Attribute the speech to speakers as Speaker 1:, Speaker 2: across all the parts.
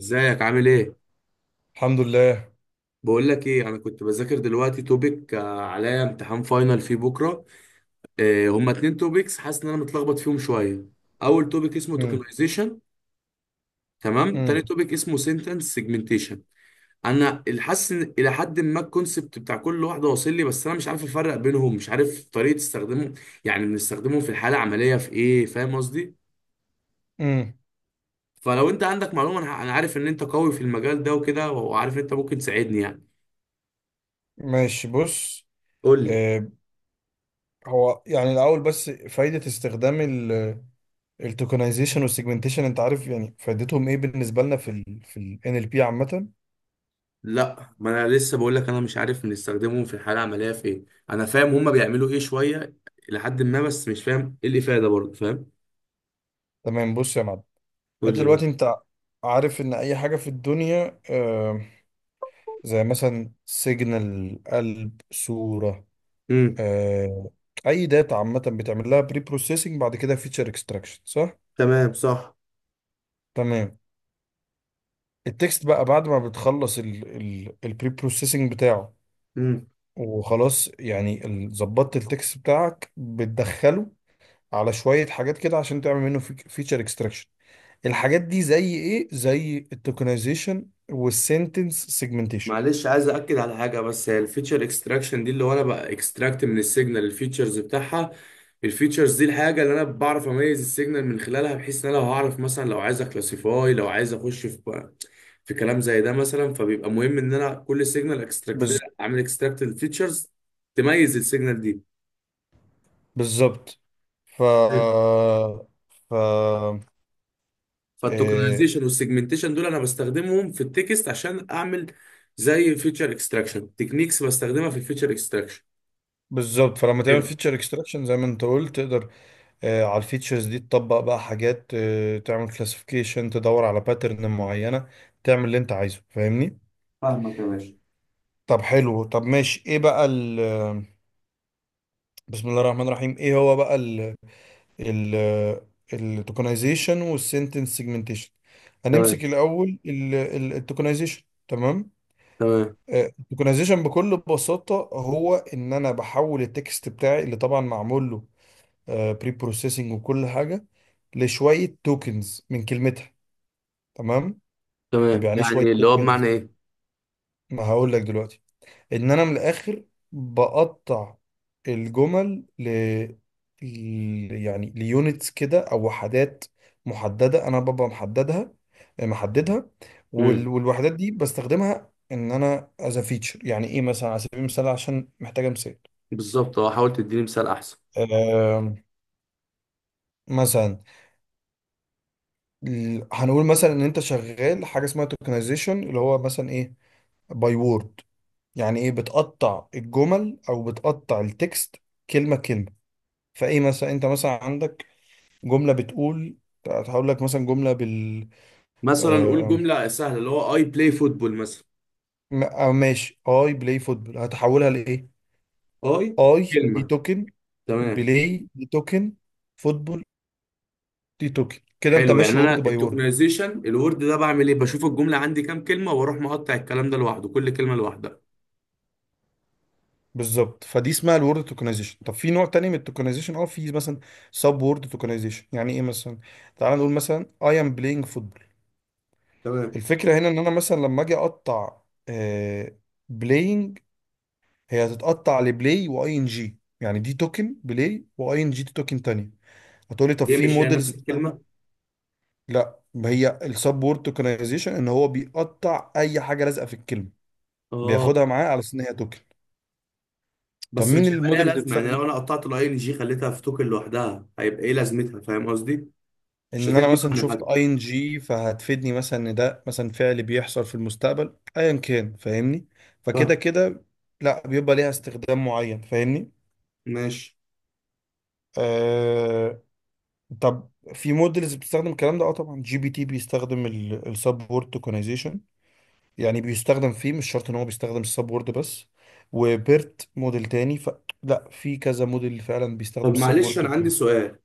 Speaker 1: ازيك، عامل ايه؟
Speaker 2: الحمد لله.
Speaker 1: بقول لك ايه، انا كنت بذاكر دلوقتي توبيك، عليا امتحان فاينل فيه بكره. هما 2 توبيكس، حاسس ان انا متلخبط فيهم شويه. اول توبيك اسمه
Speaker 2: امم.
Speaker 1: توكنايزيشن. تمام، تاني
Speaker 2: امم.
Speaker 1: توبيك اسمه سنتنس سيجمنتيشن. انا اللي حاسس ان الى حد ما الكونسبت بتاع كل واحده واصل لي، بس انا مش عارف افرق بينهم، مش عارف طريقه استخدامهم. يعني بنستخدمهم في الحاله العمليه في ايه؟ فاهم قصدي؟
Speaker 2: امم.
Speaker 1: فلو انت عندك معلومه انا، أنا عارف ان انت قوي في المجال ده وكده، وعارف ان انت ممكن تساعدني يعني.
Speaker 2: ماشي، بص.
Speaker 1: قول لي.
Speaker 2: آه هو يعني الاول بس فايده استخدام التوكنايزيشن والسيجمنتيشن، انت عارف يعني فايدتهم ايه بالنسبه لنا في ال NLP عامه؟
Speaker 1: لا، ما انا لسه بقول لك، انا مش عارف بنستخدمهم في الحاله العمليه في ايه. انا فاهم هما بيعملوا ايه شويه لحد ما، بس مش فاهم ايه الافاده برضه. فاهم؟
Speaker 2: تمام، بص يا معلم. انت
Speaker 1: قول لي.
Speaker 2: دلوقتي انت عارف ان اي حاجه في الدنيا، زي مثلا سيجنال، قلب، صوره،
Speaker 1: امم.
Speaker 2: آه اي داتا عامه بتعمل لها بري بروسيسنج، بعد كده فيتشر اكستراكشن، صح؟
Speaker 1: تمام. صح.
Speaker 2: تمام. التكست بقى بعد ما بتخلص البري بروسيسنج بتاعه وخلاص، يعني ظبطت التكست بتاعك، بتدخله على شوية حاجات كده عشان تعمل منه فيتشر اكستراكشن. الحاجات دي زي ايه؟ زي التوكنايزيشن والسنتنس سيجمنتيشن.
Speaker 1: معلش عايز اكد على حاجه بس، هي الفيتشر اكستراكشن دي اللي هو انا بقى اكستراكت من السيجنال الفيتشرز بتاعها. الفيتشرز دي الحاجه اللي انا بعرف اميز السيجنال من خلالها، بحيث ان انا لو هعرف مثلا، لو عايز اكلاسيفاي، لو عايز اخش في كلام زي ده مثلا، فبيبقى مهم ان انا كل سيجنال اكستراكت،
Speaker 2: بالظبط.
Speaker 1: اعمل اكستراكت الفيتشرز تميز السيجنال دي.
Speaker 2: بالظبط. ف
Speaker 1: حلو.
Speaker 2: ف إيه.
Speaker 1: فالتوكنايزيشن والسيجمنتيشن دول انا بستخدمهم في التكست عشان اعمل زي فيتشر اكستراكشن تكنيكس، بستخدمها في الفيتشر اكستراكشن.
Speaker 2: بالظبط، فلما تعمل
Speaker 1: حلو.
Speaker 2: فيتشر اكستراكشن زي ما انت قلت، تقدر على الفيتشرز دي تطبق بقى حاجات، تعمل كلاسيفيكيشن، تدور على باترن معينة، تعمل اللي انت عايزه، فاهمني.
Speaker 1: فاهمك يا باشا.
Speaker 2: طب حلو، طب ماشي. ايه بقى ال آه، بسم الله الرحمن الرحيم، ايه هو بقى ال التوكنايزيشن والسنتنس سيجمنتيشن؟
Speaker 1: تمام،
Speaker 2: هنمسك الاول التوكنايزيشن، تمام.
Speaker 1: تمام،
Speaker 2: التوكنايزيشن بكل بساطة هو ان انا بحول التكست بتاعي، اللي طبعا معمول له بري بروسيسنج وكل حاجة، لشوية توكنز من كلمتها، تمام. طب
Speaker 1: تمام،
Speaker 2: يعني ايه شويه
Speaker 1: يعني اللي هو بمعنى
Speaker 2: توكنز؟
Speaker 1: ايه؟
Speaker 2: ما هقول لك دلوقتي. ان انا من الاخر بقطع الجمل يعني ليونتس كده، او وحدات محدده، انا ببقى محددها، محددها.
Speaker 1: امم.
Speaker 2: والوحدات دي بستخدمها ان انا از فيتشر. يعني ايه مثلا؟ على سبيل المثال، عشان محتاجه مثال.
Speaker 1: بالظبط، اه حاول تديني مثال احسن.
Speaker 2: آم، مثلا، هنقول مثلا ان انت شغال حاجه اسمها توكنايزيشن، اللي هو مثلا ايه؟ باي وورد. يعني ايه؟ بتقطع الجمل او بتقطع التكست كلمه كلمه. فايه مثلا، انت مثلا عندك جمله بتقول، هقول لك مثلا جمله بال
Speaker 1: مثلا قول
Speaker 2: آه...
Speaker 1: جمله سهله اللي هو اي بلاي فوتبول مثلا.
Speaker 2: م- آه ماشي. اي بلاي فوتبول، هتحولها لايه؟
Speaker 1: اي
Speaker 2: اي دي
Speaker 1: كلمه.
Speaker 2: توكن،
Speaker 1: تمام.
Speaker 2: بلاي دي توكن، فوتبول دي توكن. كده انت
Speaker 1: حلو، يعني
Speaker 2: ماشي
Speaker 1: انا
Speaker 2: وورد باي وورد.
Speaker 1: التوكنايزيشن الورد ده بعمل ايه؟ بشوف الجمله عندي كام كلمه، واروح مقطع الكلام ده لوحده، كل كلمه لوحدها.
Speaker 2: بالظبط. فدي اسمها الورد توكنايزيشن. طب في نوع تاني من التوكنايزيشن، اه، في مثلا سب وورد توكنايزيشن. يعني ايه مثلا؟ تعال نقول مثلا اي ام بلاينج فوتبول.
Speaker 1: تمام.
Speaker 2: الفكرة هنا ان انا مثلا لما اجي اقطع آه، بلاينج، هي هتتقطع لبلاي واي ان جي، يعني دي توكن بلاي، واي ان جي دي توكن تانية. هتقولي طب
Speaker 1: ليه؟
Speaker 2: في
Speaker 1: مش هي
Speaker 2: مودلز
Speaker 1: نفس
Speaker 2: بتستخدم؟
Speaker 1: الكلمه؟
Speaker 2: لا، ما هي السب وورد توكنايزيشن ان هو بيقطع اي حاجة لازقة في الكلمة،
Speaker 1: اه.
Speaker 2: بياخدها معاه على اساس ان هي توكن. طب
Speaker 1: بس
Speaker 2: مين
Speaker 1: مش هيبقى ليها
Speaker 2: المودلز اللي
Speaker 1: لازمه يعني؟
Speaker 2: بتستخدم؟
Speaker 1: لو انا قطعت الاي ان جي خليتها في توكن لوحدها هيبقى ايه لازمتها؟ فاهم قصدي؟ مش
Speaker 2: ان انا
Speaker 1: هتدي
Speaker 2: مثلا
Speaker 1: معنى
Speaker 2: شفت
Speaker 1: حتى.
Speaker 2: اي ان جي، فهتفيدني مثلا ان ده مثلا فعل بيحصل في المستقبل، ايا كان، فاهمني. فكده
Speaker 1: فاهم.
Speaker 2: كده، لا، بيبقى ليها استخدام معين، فاهمني.
Speaker 1: ماشي.
Speaker 2: آه. طب في موديلز بتستخدم الكلام ده. اه، طبعا جي بي تي بيستخدم السب وورد توكنايزيشن، يعني بيستخدم فيه، مش شرط ان هو بيستخدم السب وورد بس، وبيرت موديل تاني. لا، في كذا موديل فعلا بيستخدم
Speaker 1: طب
Speaker 2: السب وورد
Speaker 1: معلش انا عندي
Speaker 2: توكنايزيشن.
Speaker 1: سؤال.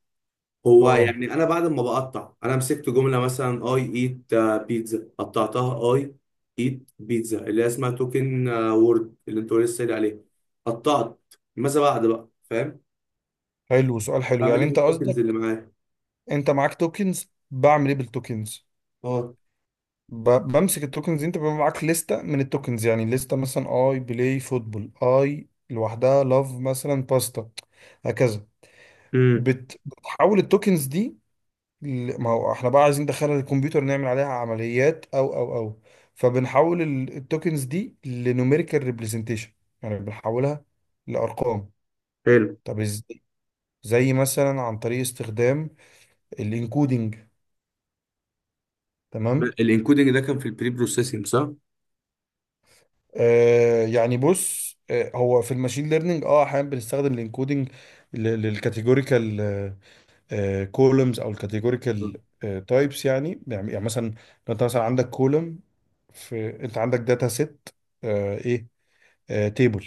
Speaker 1: هو
Speaker 2: اه،
Speaker 1: يعني انا بعد ما بقطع، انا مسكت جمله مثلا اي ايت بيتزا، قطعتها اي ايت بيتزا اللي هي اسمها توكن وورد اللي انت لسه قايل عليه، قطعت، ماذا بعد بقى؟ فاهم؟
Speaker 2: حلو سؤال، حلو.
Speaker 1: بعمل
Speaker 2: يعني
Speaker 1: ايه في
Speaker 2: انت
Speaker 1: التوكنز اللي
Speaker 2: قصدك
Speaker 1: معايا؟
Speaker 2: انت معاك توكنز، بعمل ايه بالتوكنز؟
Speaker 1: اه.
Speaker 2: بمسك التوكنز دي، انت بيبقى معاك لستة من التوكنز، يعني لستة مثلا اي بلاي فوتبول، اي لوحدها، لاف، مثلا باستا، هكذا.
Speaker 1: امم.
Speaker 2: بتحول التوكنز دي ما هو احنا بقى عايزين ندخلها للكمبيوتر، نعمل عليها عمليات او. فبنحول التوكنز دي لنوميريكال ريبريزنتيشن، يعني بنحولها لارقام.
Speaker 1: حلو.
Speaker 2: طب ازاي؟ زي مثلا عن طريق استخدام الانكودنج، تمام.
Speaker 1: الانكودنج ده كان في البري بروسيسنج، صح؟
Speaker 2: يعني بص، هو في الماشين ليرنينج اه، احيانا بنستخدم الانكودنج للكاتيجوريكال كولومز، او
Speaker 1: مم.
Speaker 2: الكاتيجوريكال تايبس. يعني مثلا لو انت مثلا عندك كولوم، في انت عندك داتا سيت، ايه، تيبل،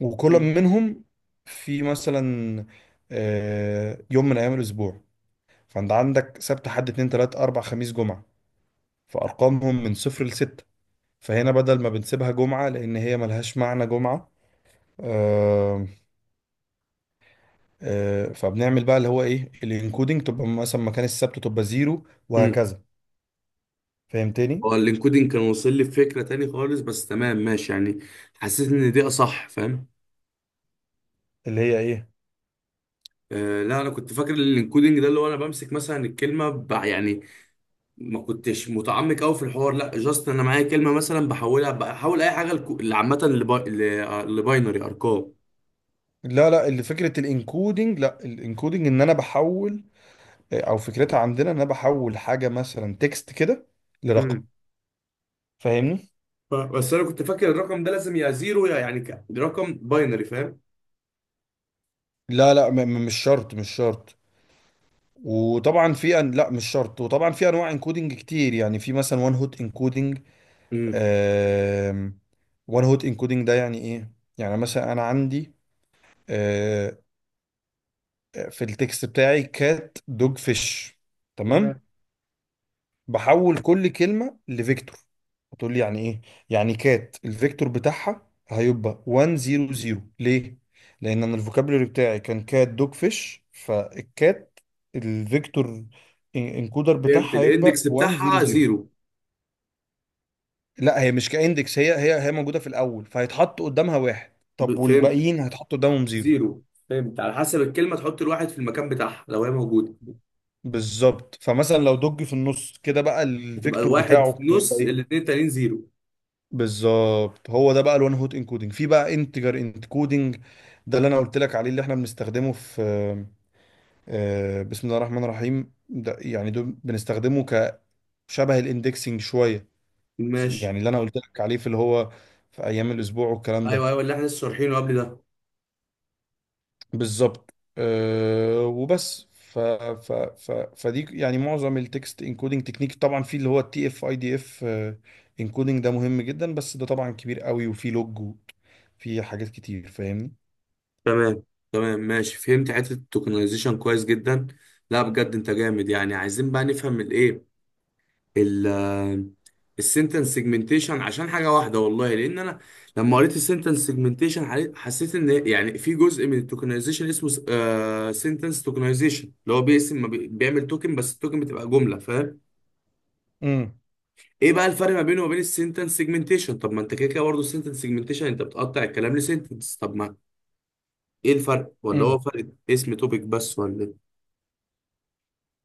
Speaker 2: وكولوم
Speaker 1: مم.
Speaker 2: منهم في مثلا يوم من ايام الاسبوع. فانت عندك سبت، حد، اتنين، تلات، اربع، خميس، جمعة، فارقامهم من صفر لستة. فهنا بدل ما بنسيبها جمعة، لان هي ملهاش معنى جمعة، آه فبنعمل بقى اللي هو ايه؟ الانكودنج. تبقى مثلا مكان السبت تبقى زيرو،
Speaker 1: مم.
Speaker 2: وهكذا. فهمتني؟
Speaker 1: هو الانكودنج كان واصل لي بفكره تاني خالص، بس تمام ماشي يعني. حسيت ان دي اصح. فاهم؟
Speaker 2: اللي هي ايه؟
Speaker 1: آه، لا، انا كنت فاكر الانكودنج ده اللي هو انا بمسك مثلا الكلمه يعني ما كنتش متعمق قوي في الحوار، لا جاست انا معايا كلمه مثلا بحولها، بحول اي حاجه اللي عامه لباينري ارقام.
Speaker 2: لا لا، اللي فكره الانكودنج، لا، الانكودنج ان انا بحول، او فكرتها عندنا ان انا بحول حاجه مثلا تكست كده لرقم،
Speaker 1: امم.
Speaker 2: فاهمني.
Speaker 1: بس انا كنت فاكر الرقم ده لازم يا زيرو يا يعني رقم باينري. فاهم؟
Speaker 2: لا لا، مش شرط، مش شرط. وطبعا لا، مش شرط. وطبعا في انواع انكودنج كتير، يعني في مثلا وان هوت انكودنج.
Speaker 1: امم.
Speaker 2: وان هوت انكودنج ده يعني ايه؟ يعني مثلا انا عندي آه، في التكست بتاعي كات، دوج، فيش،
Speaker 1: تمام.
Speaker 2: تمام. بحول كل كلمة لفيكتور. هتقول لي يعني ايه؟ يعني كات الفيكتور بتاعها هيبقى 100، ليه؟ لان انا الفوكابولري بتاعي كان كات، دوج، فيش، فالكات الفيكتور انكودر
Speaker 1: فهمت،
Speaker 2: بتاعها هيبقى
Speaker 1: الاندكس بتاعها
Speaker 2: 100.
Speaker 1: زيرو.
Speaker 2: لا، هي مش كاندكس، هي موجودة في الاول، فهيتحط قدامها واحد. طب
Speaker 1: فهمت.
Speaker 2: والباقيين هيتحطوا قدامهم زيرو.
Speaker 1: زيرو. فهمت، على حسب الكلمه تحط الواحد في المكان بتاعها لو هي موجوده.
Speaker 2: بالظبط. فمثلا لو دوج في النص كده، بقى
Speaker 1: هتبقى
Speaker 2: الفيكتور
Speaker 1: الواحد في
Speaker 2: بتاعه هيبقى
Speaker 1: النص،
Speaker 2: إيه؟
Speaker 1: الاثنين التانيين زيرو.
Speaker 2: بالظبط. هو ده بقى الوان هوت انكودنج. في بقى انتجر انكودنج، ده اللي انا قلت لك عليه، اللي احنا بنستخدمه في آه، بسم الله الرحمن الرحيم ده. يعني ده بنستخدمه كشبه الاندكسنج شويه،
Speaker 1: ماشي.
Speaker 2: يعني اللي انا قلت لك عليه في اللي هو في ايام الاسبوع والكلام
Speaker 1: ايوه،
Speaker 2: ده.
Speaker 1: ايوه، اللي احنا لسه شارحينه قبل ده.
Speaker 2: بالظبط، أه. وبس. ف ف ف فدي يعني معظم التكست انكودنج تكنيك. طبعا في اللي هو التي اف اي دي اف انكودنج، ده مهم جدا، بس ده طبعا كبير قوي وفي لوج، وفي حاجات كتير، فاهمني.
Speaker 1: تمام. تمام ماشي، فهمت حته التوكنايزيشن كويس جدا. لا بجد انت جامد، يعني عايزين بقى نفهم الايه، ال السنتنس سيجمنتيشن، عشان حاجه واحده والله، لان انا لما قريت السنتنس سيجمنتيشن حسيت ان يعني في جزء من التوكنايزيشن اسمه سنتنس توكنايزيشن، اللي هو بيقسم ما بيعمل توكن بس التوكن بتبقى جمله، فاهم؟
Speaker 2: امم.
Speaker 1: ايه بقى الفرق ما بينه وما بين السنتنس سيجمنتيشن؟ طب ما انت كده كده برضه السنتنس سيجمنتيشن انت بتقطع الكلام لسنتنس، طب ما ايه الفرق ولا هو
Speaker 2: امم.
Speaker 1: فرق اسم توبيك بس ولا إيه؟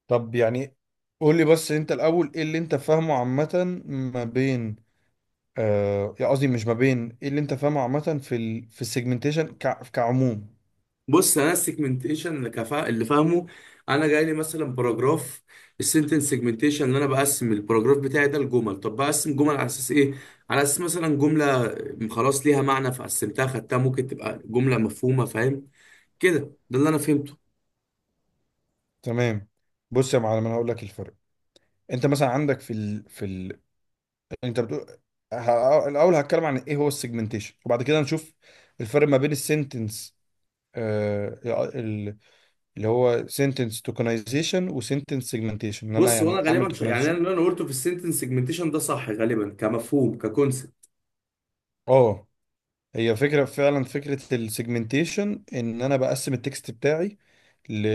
Speaker 2: طب يعني قول لي بس انت الاول ايه اللي انت فاهمه عامه ما بين، يعني قصدي مش ما بين، ايه اللي انت فاهمه عامه في السيجمنتيشن كعموم؟
Speaker 1: بص، انا السيجمنتيشن اللي اللي فاهمه، انا جاي لي مثلا باراجراف، السنتنس سيجمنتيشن اللي انا بقسم الباراجراف بتاعي ده لجمل. طب بقسم جمل على اساس ايه؟ على اساس مثلا جمله خلاص ليها معنى فقسمتها خدتها، ممكن تبقى جمله مفهومه، فاهم كده؟ ده اللي انا فهمته.
Speaker 2: تمام، بص يا معلم، انا هقول لك الفرق. انت مثلا عندك انت بتقول الاول هتكلم عن ايه هو السيجمنتيشن، وبعد كده نشوف الفرق ما بين السنتنس، آه ال- اللي هو سنتنس توكنايزيشن وسنتنس سيجمنتيشن. ان انا
Speaker 1: بص
Speaker 2: يعني
Speaker 1: وانا
Speaker 2: اعمل
Speaker 1: غالبا يعني انا
Speaker 2: توكنايزيشن،
Speaker 1: اللي انا قلته في السنتنس سيجمنتيشن ده صح غالبا كمفهوم ككونسبت.
Speaker 2: اه. هي فكرة، فعلا فكرة السيجمنتيشن ان انا بقسم التكست بتاعي ل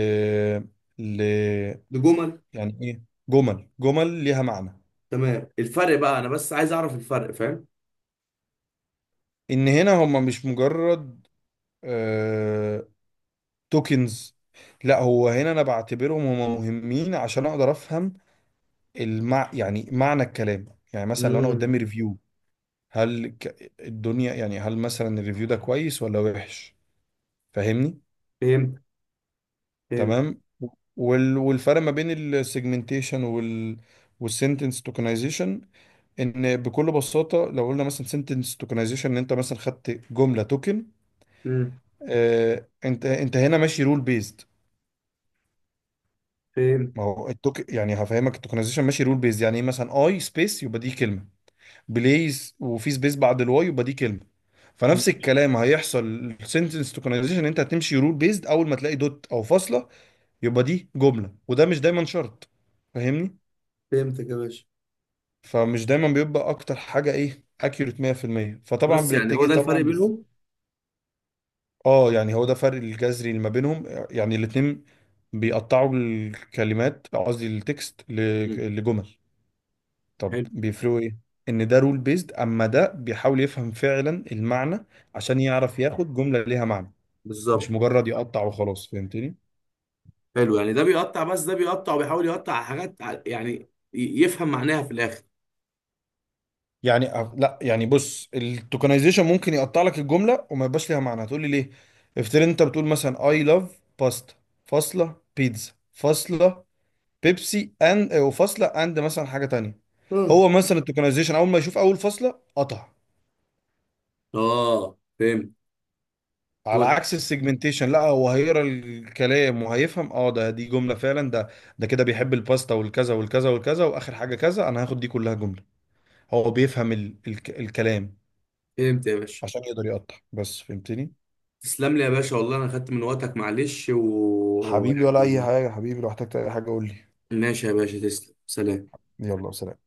Speaker 2: ل
Speaker 1: لجمل.
Speaker 2: يعني ايه؟ جمل، جمل ليها معنى.
Speaker 1: تمام، الفرق بقى، انا بس عايز اعرف الفرق، فاهم؟
Speaker 2: ان هنا هما مش مجرد آه... توكنز، لا، هو هنا انا بعتبرهم هما مهمين عشان اقدر افهم يعني معنى الكلام. يعني مثلا لو انا
Speaker 1: امم.
Speaker 2: قدامي ريفيو، هل الدنيا، يعني هل مثلا الريفيو ده كويس ولا وحش، فاهمني.
Speaker 1: فهمت. فهمت.
Speaker 2: تمام. والفرق ما بين السيجمنتيشن والسنتنس توكنايزيشن، ان بكل بساطه، لو قلنا مثلا سنتنس توكنايزيشن، ان انت مثلا خدت جمله توكن،
Speaker 1: امم.
Speaker 2: انت هنا ماشي رول بيزد.
Speaker 1: فهمت.
Speaker 2: ما هو التوك يعني، هفهمك التوكنايزيشن ماشي رول بيزد، يعني ايه؟ مثلا اي سبيس يبقى دي كلمه بليز، وفي سبيس بعد الواي يبقى دي كلمه. فنفس
Speaker 1: مم.
Speaker 2: الكلام هيحصل. السنتنس توكنايزيشن انت هتمشي رول بيزد، اول ما تلاقي دوت او فاصله يبقى دي جمله، وده مش دايما شرط، فاهمني.
Speaker 1: فهمتك يا باشا.
Speaker 2: فمش دايما بيبقى اكتر حاجه ايه؟ اكيوريت 100%، فطبعا
Speaker 1: بس يعني هو
Speaker 2: بنتجه
Speaker 1: ده الفرق
Speaker 2: طبعا
Speaker 1: بينهم؟
Speaker 2: اه، يعني هو ده فرق الجذري اللي ما بينهم، يعني الاتنين بيقطعوا الكلمات، قصدي التكست
Speaker 1: مم.
Speaker 2: لجمل، طب
Speaker 1: حلو.
Speaker 2: بيفرقوا ايه؟ ان ده رول بيزد، اما ده بيحاول يفهم فعلا المعنى، عشان يعرف ياخد جمله ليها معنى، مش
Speaker 1: بالظبط.
Speaker 2: مجرد يقطع وخلاص، فهمتني.
Speaker 1: حلو يعني ده بيقطع، بس ده بيقطع وبيحاول يقطع على حاجات، يعني يفهم معناها في الاخر.
Speaker 2: يعني لا يعني بص، التوكنايزيشن ممكن يقطع لك الجمله وما يبقاش ليها معنى. هتقول لي ليه؟ افترض انت بتقول مثلا اي لاف باستا، فاصله، بيتزا، فاصله، بيبسي اند، وفاصله اند مثلا حاجه تانية.
Speaker 1: اه.
Speaker 2: هو مثلا التوكنايزيشن اول ما يشوف اول فاصله قطع،
Speaker 1: اه فهمت.
Speaker 2: على
Speaker 1: واضح.
Speaker 2: عكس السيجمنتيشن لا، هو هيقرا الكلام وهيفهم، اه ده دي جمله فعلا. ده ده كده بيحب الباستا والكذا والكذا والكذا، واخر حاجه كذا، انا هاخد دي كلها جمله. هو بيفهم ال الكلام
Speaker 1: فهمت يا باشا.
Speaker 2: عشان يقدر يقطع بس، فهمتني.
Speaker 1: تسلم لي يا باشا، والله انا خدت من وقتك معلش
Speaker 2: حبيبي ولا اي
Speaker 1: ويعني.
Speaker 2: حاجه، حبيبي لو احتجت اي حاجه قول لي.
Speaker 1: ماشي يا باشا، تسلم. سلام.
Speaker 2: يلا سلام.